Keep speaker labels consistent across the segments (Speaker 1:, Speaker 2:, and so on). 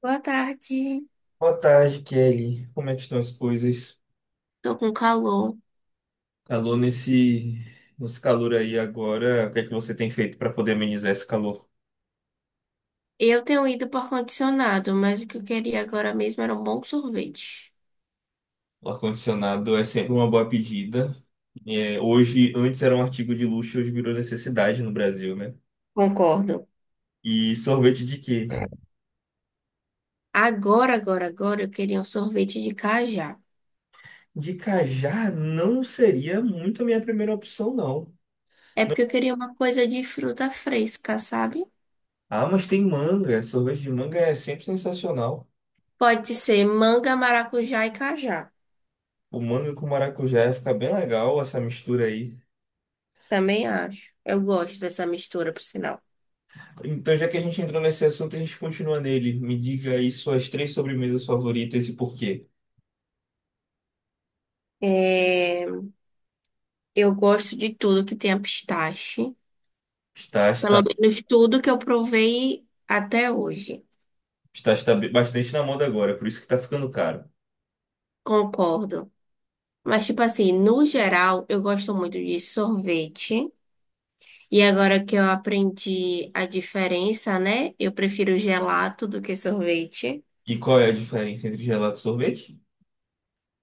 Speaker 1: Boa tarde.
Speaker 2: Boa tarde, Kelly. Como é que estão as coisas?
Speaker 1: Tô com calor.
Speaker 2: Alô, nesse calor aí agora, o que é que você tem feito para poder amenizar esse calor?
Speaker 1: Eu tenho ido por condicionado, mas o que eu queria agora mesmo era um bom sorvete.
Speaker 2: O ar-condicionado é sempre uma boa pedida. É, hoje, antes era um artigo de luxo, hoje virou necessidade no Brasil, né?
Speaker 1: Concordo.
Speaker 2: E sorvete de quê?
Speaker 1: Agora eu queria um sorvete de cajá.
Speaker 2: De cajá não seria muito a minha primeira opção, não.
Speaker 1: É porque eu queria uma coisa de fruta fresca, sabe?
Speaker 2: Ah, mas tem manga. Sorvete de manga é sempre sensacional.
Speaker 1: Pode ser manga, maracujá e cajá.
Speaker 2: O manga com maracujá fica bem legal essa mistura aí.
Speaker 1: Também acho. Eu gosto dessa mistura, por sinal.
Speaker 2: Então, já que a gente entrou nesse assunto, a gente continua nele. Me diga aí suas três sobremesas favoritas e por quê.
Speaker 1: É, Eu gosto de tudo que tenha pistache.
Speaker 2: Está, está,
Speaker 1: Pelo menos tudo que eu provei até hoje.
Speaker 2: Bastante na moda agora, por isso que está ficando caro.
Speaker 1: Concordo. Mas, tipo assim, no geral, eu gosto muito de sorvete. E agora que eu aprendi a diferença, né? Eu prefiro gelato do que sorvete.
Speaker 2: E qual é a diferença entre gelato e sorvete?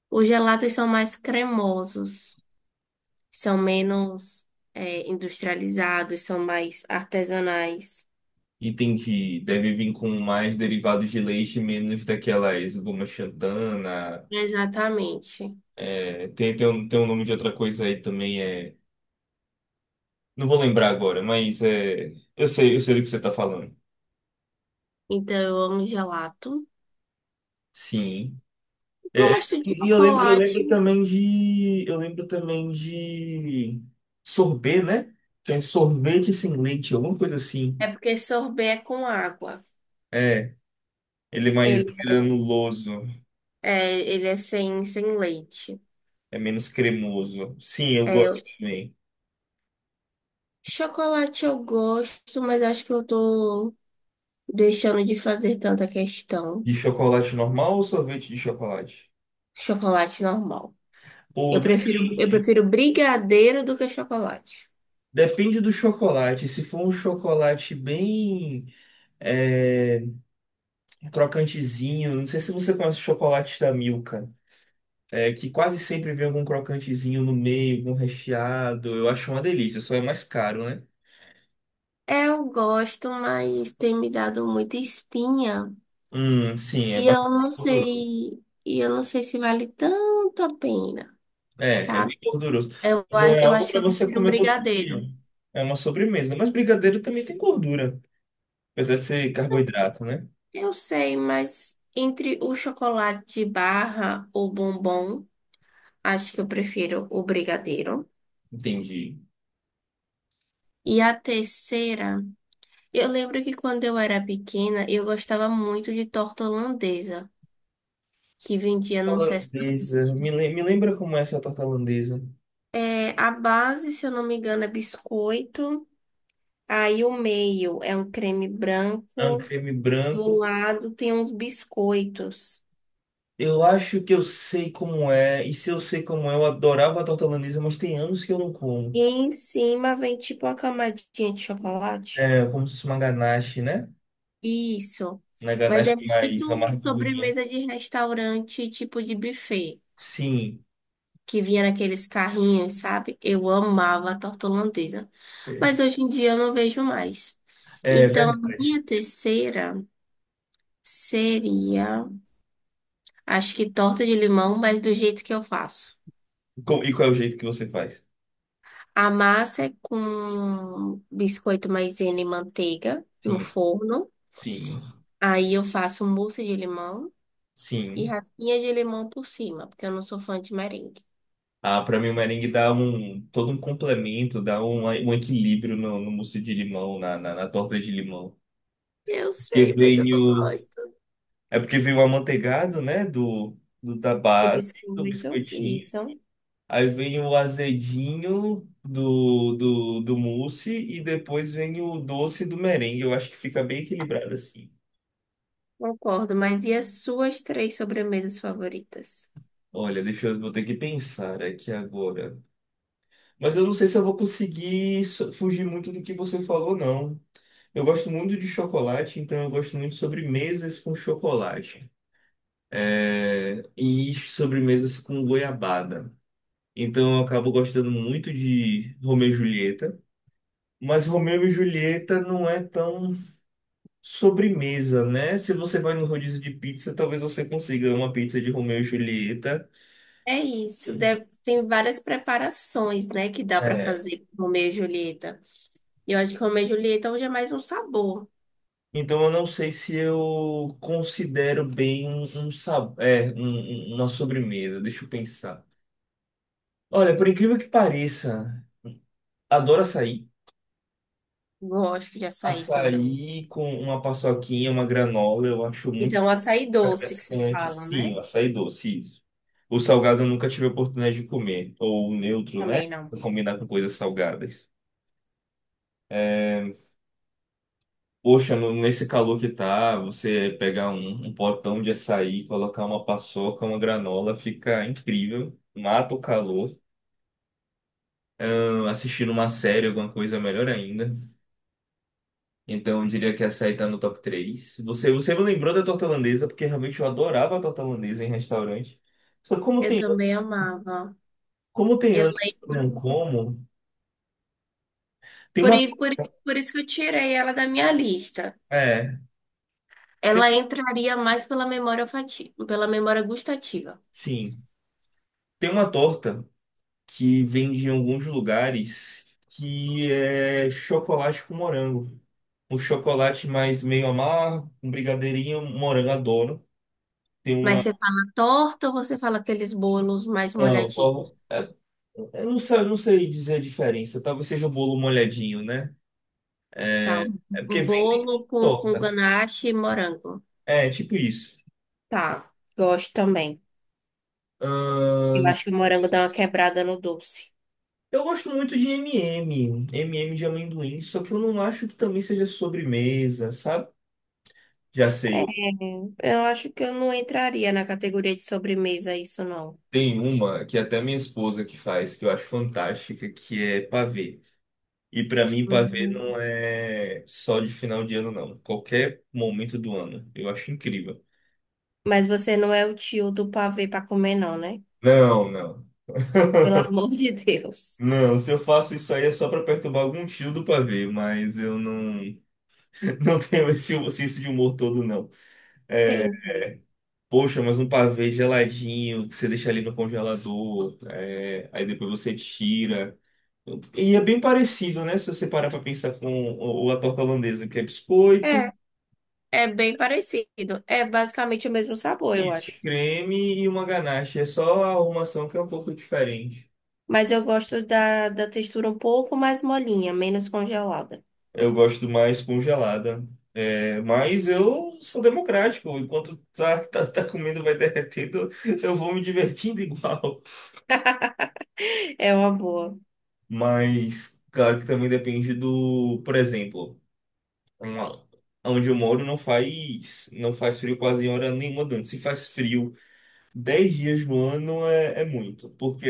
Speaker 1: Os gelatos são mais cremosos, são menos, industrializados, são mais artesanais.
Speaker 2: Entendi. Deve vir com mais derivados de leite, menos daquelas goma xantana.
Speaker 1: Exatamente.
Speaker 2: É, tem um nome de outra coisa aí também, Não vou lembrar agora, mas eu sei do que você está falando.
Speaker 1: Então, eu amo gelato.
Speaker 2: Sim. É,
Speaker 1: Gosto de
Speaker 2: e eu lembro
Speaker 1: chocolate.
Speaker 2: também eu lembro também de sorbet, né? Tem sorvete sem leite, alguma coisa assim.
Speaker 1: É porque sorvete é com água.
Speaker 2: É, ele é mais
Speaker 1: Ele é,
Speaker 2: granuloso,
Speaker 1: ele é sem leite.
Speaker 2: é menos cremoso. Sim, eu gosto
Speaker 1: é
Speaker 2: também.
Speaker 1: Chocolate eu gosto, mas acho que eu tô deixando de fazer tanta questão.
Speaker 2: De chocolate normal ou sorvete de chocolate?
Speaker 1: Chocolate normal.
Speaker 2: Ou
Speaker 1: Eu prefiro, eu
Speaker 2: depende.
Speaker 1: prefiro brigadeiro do que chocolate.
Speaker 2: Depende do chocolate. Se for um chocolate bem é, crocantezinho, não sei se você conhece o chocolate da Milka. É, que quase sempre vem algum crocantezinho no meio, algum recheado. Eu acho uma delícia, só é mais caro, né?
Speaker 1: Eu gosto, mas tem me dado muita espinha.
Speaker 2: Sim, é
Speaker 1: E eu não
Speaker 2: bastante gorduroso.
Speaker 1: sei, e eu não sei se vale tanto a pena,
Speaker 2: É, é
Speaker 1: sabe?
Speaker 2: bem gorduroso. Não é
Speaker 1: Eu
Speaker 2: algo
Speaker 1: acho que
Speaker 2: para
Speaker 1: eu
Speaker 2: você
Speaker 1: prefiro um
Speaker 2: comer todo dia.
Speaker 1: brigadeiro.
Speaker 2: É uma sobremesa. Mas brigadeiro também tem gordura, apesar de ser carboidrato, né?
Speaker 1: Eu sei, mas entre o chocolate de barra ou bombom, acho que eu prefiro o brigadeiro.
Speaker 2: Entendi.
Speaker 1: E a terceira, eu lembro que quando eu era pequena, eu gostava muito de torta holandesa, que vendia num
Speaker 2: Torta Holandesa.
Speaker 1: restaurante.
Speaker 2: Me lembra como é essa torta holandesa?
Speaker 1: É, a base, se eu não me engano, é biscoito. Aí o meio é um creme
Speaker 2: É um
Speaker 1: branco.
Speaker 2: creme
Speaker 1: Do
Speaker 2: branco.
Speaker 1: lado tem uns biscoitos.
Speaker 2: Eu acho que eu sei como é. E se eu sei como é, eu adorava a torta holandesa, mas tem anos que eu não
Speaker 1: E
Speaker 2: como.
Speaker 1: em cima vem tipo uma camadinha de chocolate.
Speaker 2: É como se fosse uma ganache, né?
Speaker 1: Isso.
Speaker 2: Na
Speaker 1: Mas é
Speaker 2: ganache aí,
Speaker 1: muito
Speaker 2: ramarra.
Speaker 1: sobremesa de restaurante, tipo de buffet,
Speaker 2: Sim,
Speaker 1: que vinha naqueles carrinhos, sabe? Eu amava a torta holandesa, mas
Speaker 2: é
Speaker 1: hoje em dia eu não vejo mais.
Speaker 2: é
Speaker 1: Então, a
Speaker 2: verdade.
Speaker 1: minha terceira seria, acho que torta de limão, mas do jeito que eu faço.
Speaker 2: E qual é o jeito que você faz?
Speaker 1: A massa é com biscoito maisena e manteiga no
Speaker 2: Sim,
Speaker 1: forno.
Speaker 2: sim,
Speaker 1: Aí eu faço mousse de limão e
Speaker 2: sim.
Speaker 1: raspinha de limão por cima, porque eu não sou fã de merengue.
Speaker 2: Ah, para mim o merengue dá um todo um complemento, um equilíbrio no mousse de limão, na torta de limão.
Speaker 1: Eu
Speaker 2: Porque
Speaker 1: sei, mas eu
Speaker 2: vem
Speaker 1: não
Speaker 2: o,
Speaker 1: gosto
Speaker 2: é porque vem o amanteigado, né, do da
Speaker 1: do
Speaker 2: base, do
Speaker 1: biscoito.
Speaker 2: biscoitinho.
Speaker 1: Isso.
Speaker 2: Aí vem o azedinho do mousse e depois vem o doce do merengue. Eu acho que fica bem equilibrado assim.
Speaker 1: Concordo, mas e as suas três sobremesas favoritas?
Speaker 2: Olha, vou ter que pensar aqui agora. Mas eu não sei se eu vou conseguir fugir muito do que você falou, não. Eu gosto muito de chocolate, então eu gosto muito de sobremesas com chocolate. É, e sobremesas com goiabada. Então eu acabo gostando muito de Romeu e Julieta. Mas Romeu e Julieta não é tão sobremesa, né? Se você vai no rodízio de pizza, talvez você consiga uma pizza de Romeu e Julieta.
Speaker 1: É isso, tem várias preparações, né, que dá para fazer com Romeu e Julieta. E eu acho que Romeu e Julieta hoje é mais um sabor.
Speaker 2: Então, eu não sei se eu considero bem uma sobremesa. Deixa eu pensar. Olha, por incrível que pareça, adoro açaí.
Speaker 1: Gosto de açaí também.
Speaker 2: Açaí com uma paçoquinha, uma granola, eu acho muito
Speaker 1: Então, açaí doce que se
Speaker 2: refrescante.
Speaker 1: fala,
Speaker 2: Sim,
Speaker 1: né?
Speaker 2: o açaí doce, isso. O salgado eu nunca tive a oportunidade de comer. Ou o neutro, né?
Speaker 1: Também não.
Speaker 2: Pra combinar com coisas salgadas. É, poxa, nesse calor que tá, você pegar um potão de açaí, colocar uma paçoca, uma granola, fica incrível. Mata o calor. Ah, assistindo uma série, alguma coisa é melhor ainda. Então, eu diria que açaí tá no top 3. Você me lembrou da torta holandesa, porque realmente eu adorava a torta holandesa em restaurante. Só que
Speaker 1: Eu também amava.
Speaker 2: como tem
Speaker 1: Eu
Speaker 2: anos que eu não
Speaker 1: lembro.
Speaker 2: como, tem
Speaker 1: Por,
Speaker 2: uma.
Speaker 1: i- por, i- por isso que eu tirei ela da minha lista.
Speaker 2: É, tem,
Speaker 1: Ela entraria mais pela memória olfativa, pela memória gustativa.
Speaker 2: sim. Tem uma torta que vende em alguns lugares, que é chocolate com morango. Um chocolate mais meio amargo, um brigadeirinho, um morango, adoro. Tem
Speaker 1: Mas
Speaker 2: uma.
Speaker 1: você fala torta ou você fala aqueles bolos mais
Speaker 2: Não,
Speaker 1: molhadinhos?
Speaker 2: tô- é- eu não sei, eu não sei dizer a diferença. Talvez seja o bolo molhadinho, né?
Speaker 1: Tá. Um
Speaker 2: É porque
Speaker 1: um
Speaker 2: vem bem com
Speaker 1: bolo com
Speaker 2: torta.
Speaker 1: ganache e morango.
Speaker 2: É, tipo isso.
Speaker 1: Tá. Gosto também. Eu
Speaker 2: Ahn,
Speaker 1: acho que o morango dá uma quebrada no doce.
Speaker 2: eu gosto muito de MM, MM de amendoim, só que eu não acho que também seja sobremesa, sabe? Já sei,
Speaker 1: Eu acho que eu não entraria na categoria de sobremesa isso, não.
Speaker 2: tem uma que até minha esposa que faz, que eu acho fantástica, que é pavê. E pra mim, pavê
Speaker 1: Uhum.
Speaker 2: não é só de final de ano, não. Qualquer momento do ano. Eu acho incrível.
Speaker 1: Mas você não é o tio do pavê para comer, não, né?
Speaker 2: Não, não.
Speaker 1: Pelo amor de Deus.
Speaker 2: Não, se eu faço isso aí é só pra perturbar algum tio do pavê, mas eu não, não tenho esse senso de humor todo, não.
Speaker 1: Entendi.
Speaker 2: Poxa, mas um pavê geladinho, que você deixa ali no congelador, é, aí depois você tira. E é bem parecido, né? Se você parar para pensar com a torta holandesa, que é biscoito,
Speaker 1: É, é bem parecido. É basicamente o mesmo sabor, eu
Speaker 2: isso,
Speaker 1: acho.
Speaker 2: creme e uma ganache. É só a arrumação que é um pouco diferente.
Speaker 1: Mas eu gosto da, da textura um pouco mais molinha, menos congelada.
Speaker 2: Eu gosto mais congelada. É, mas eu sou democrático. Enquanto tá comendo, vai derretendo, eu vou me divertindo igual.
Speaker 1: É uma boa.
Speaker 2: Mas, claro que também depende do, por exemplo, uma- onde eu moro não faz, não faz frio quase em hora nenhuma durante. Se faz frio 10 dias no ano é, é muito, porque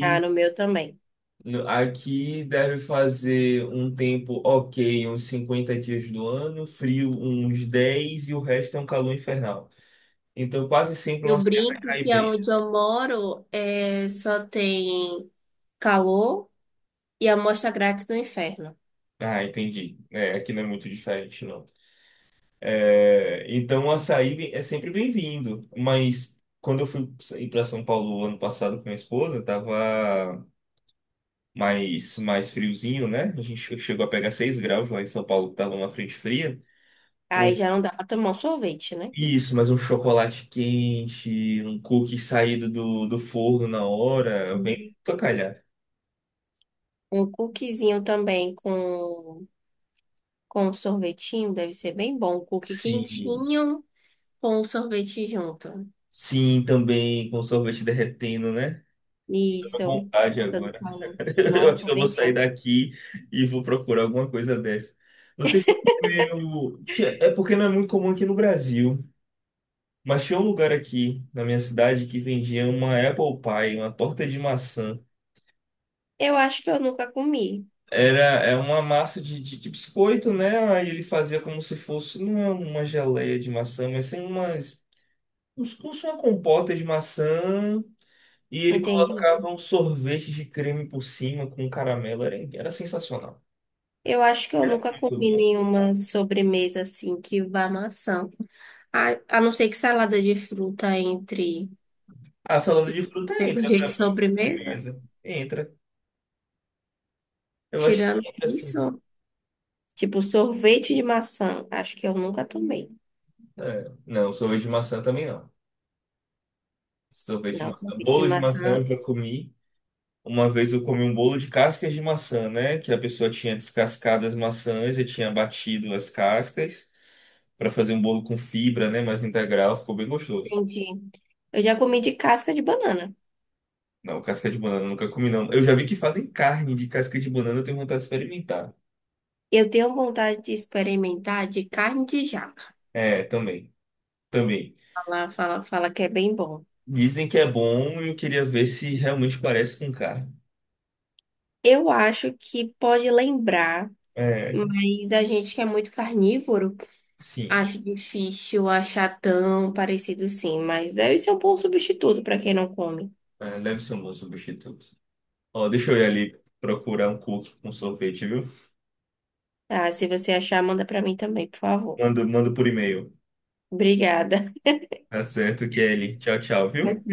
Speaker 1: Ah, no meu também.
Speaker 2: aqui deve fazer um tempo ok, uns 50 dias do ano, frio uns 10 e o resto é um calor infernal. Então quase sempre uma
Speaker 1: Eu
Speaker 2: serra
Speaker 1: brinco
Speaker 2: cai
Speaker 1: que
Speaker 2: bem.
Speaker 1: aonde eu moro é, só tem calor e amostra grátis do inferno.
Speaker 2: Ah, entendi. É, aqui não é muito diferente, não. É, então o açaí é sempre bem-vindo, mas quando eu fui ir para São Paulo ano passado com minha esposa, tava mais friozinho, né? A gente chegou a pegar 6 graus lá em São Paulo, que tava uma frente fria. Um,
Speaker 1: Aí já não dá pra tomar um sorvete, né?
Speaker 2: isso, mas um chocolate quente, um cookie saído do forno na hora, vem
Speaker 1: Uhum.
Speaker 2: pra calhar.
Speaker 1: Um cookiezinho também com um sorvetinho deve ser bem bom. Um cookie
Speaker 2: Sim,
Speaker 1: quentinho com um sorvete junto.
Speaker 2: sim, também com sorvete derretendo, né? Tô com
Speaker 1: Isso.
Speaker 2: vontade
Speaker 1: Tanto
Speaker 2: agora.
Speaker 1: calor.
Speaker 2: Eu acho
Speaker 1: Nossa,
Speaker 2: que eu vou
Speaker 1: bem
Speaker 2: sair
Speaker 1: bom.
Speaker 2: daqui e vou procurar alguma coisa dessa. Você já comeu... Tia, é porque não é muito comum aqui no Brasil. Mas tinha um lugar aqui na minha cidade que vendia uma apple pie, uma torta de maçã.
Speaker 1: Eu acho que eu nunca comi.
Speaker 2: Era, é uma massa de biscoito, né? Aí ele fazia como se fosse, não é uma geleia de maçã, mas sim como se fosse uma compota de maçã. E ele
Speaker 1: Entendi.
Speaker 2: colocava um sorvete de creme por cima com caramelo. Era sensacional.
Speaker 1: Eu acho que eu
Speaker 2: Era
Speaker 1: nunca
Speaker 2: muito
Speaker 1: comi
Speaker 2: bom.
Speaker 1: nenhuma sobremesa assim que vá maçã. A não ser que salada de fruta entre
Speaker 2: A salada de fruta entra
Speaker 1: categoria de
Speaker 2: pra mim,
Speaker 1: sobremesa.
Speaker 2: sobremesa. Entra. Eu acho
Speaker 1: Tirando
Speaker 2: que entra sim.
Speaker 1: isso, tipo sorvete de maçã. Acho que eu nunca tomei.
Speaker 2: É. Não, sorvete de maçã também não. Sorvete de
Speaker 1: Não,
Speaker 2: maçã.
Speaker 1: sorvete de
Speaker 2: Bolo de maçã eu
Speaker 1: maçã.
Speaker 2: já comi. Uma vez eu comi um bolo de cascas de maçã, né? Que a pessoa tinha descascado as maçãs e tinha batido as cascas para fazer um bolo com fibra, né? Mais integral. Ficou bem gostoso.
Speaker 1: Entendi. Eu já comi de casca de banana.
Speaker 2: Não, casca de banana eu nunca comi, não. Eu já vi que fazem carne de casca de banana, eu tenho vontade de experimentar.
Speaker 1: Eu tenho vontade de experimentar de carne de jaca.
Speaker 2: É, também. Também.
Speaker 1: Fala, fala, fala que é bem bom.
Speaker 2: Dizem que é bom e eu queria ver se realmente parece com carne.
Speaker 1: Eu acho que pode lembrar,
Speaker 2: É,
Speaker 1: mas a gente que é muito carnívoro.
Speaker 2: sim.
Speaker 1: Acho difícil achar tão parecido sim, mas deve ser um bom substituto para quem não come.
Speaker 2: É, deve ser um bom substituto. Ó, deixa eu ir ali procurar um cookie com sorvete, viu?
Speaker 1: Ah, se você achar, manda para mim também, por favor.
Speaker 2: Mando, mando por e-mail.
Speaker 1: Obrigada.
Speaker 2: Tá certo, Kelly. Tchau, tchau, viu?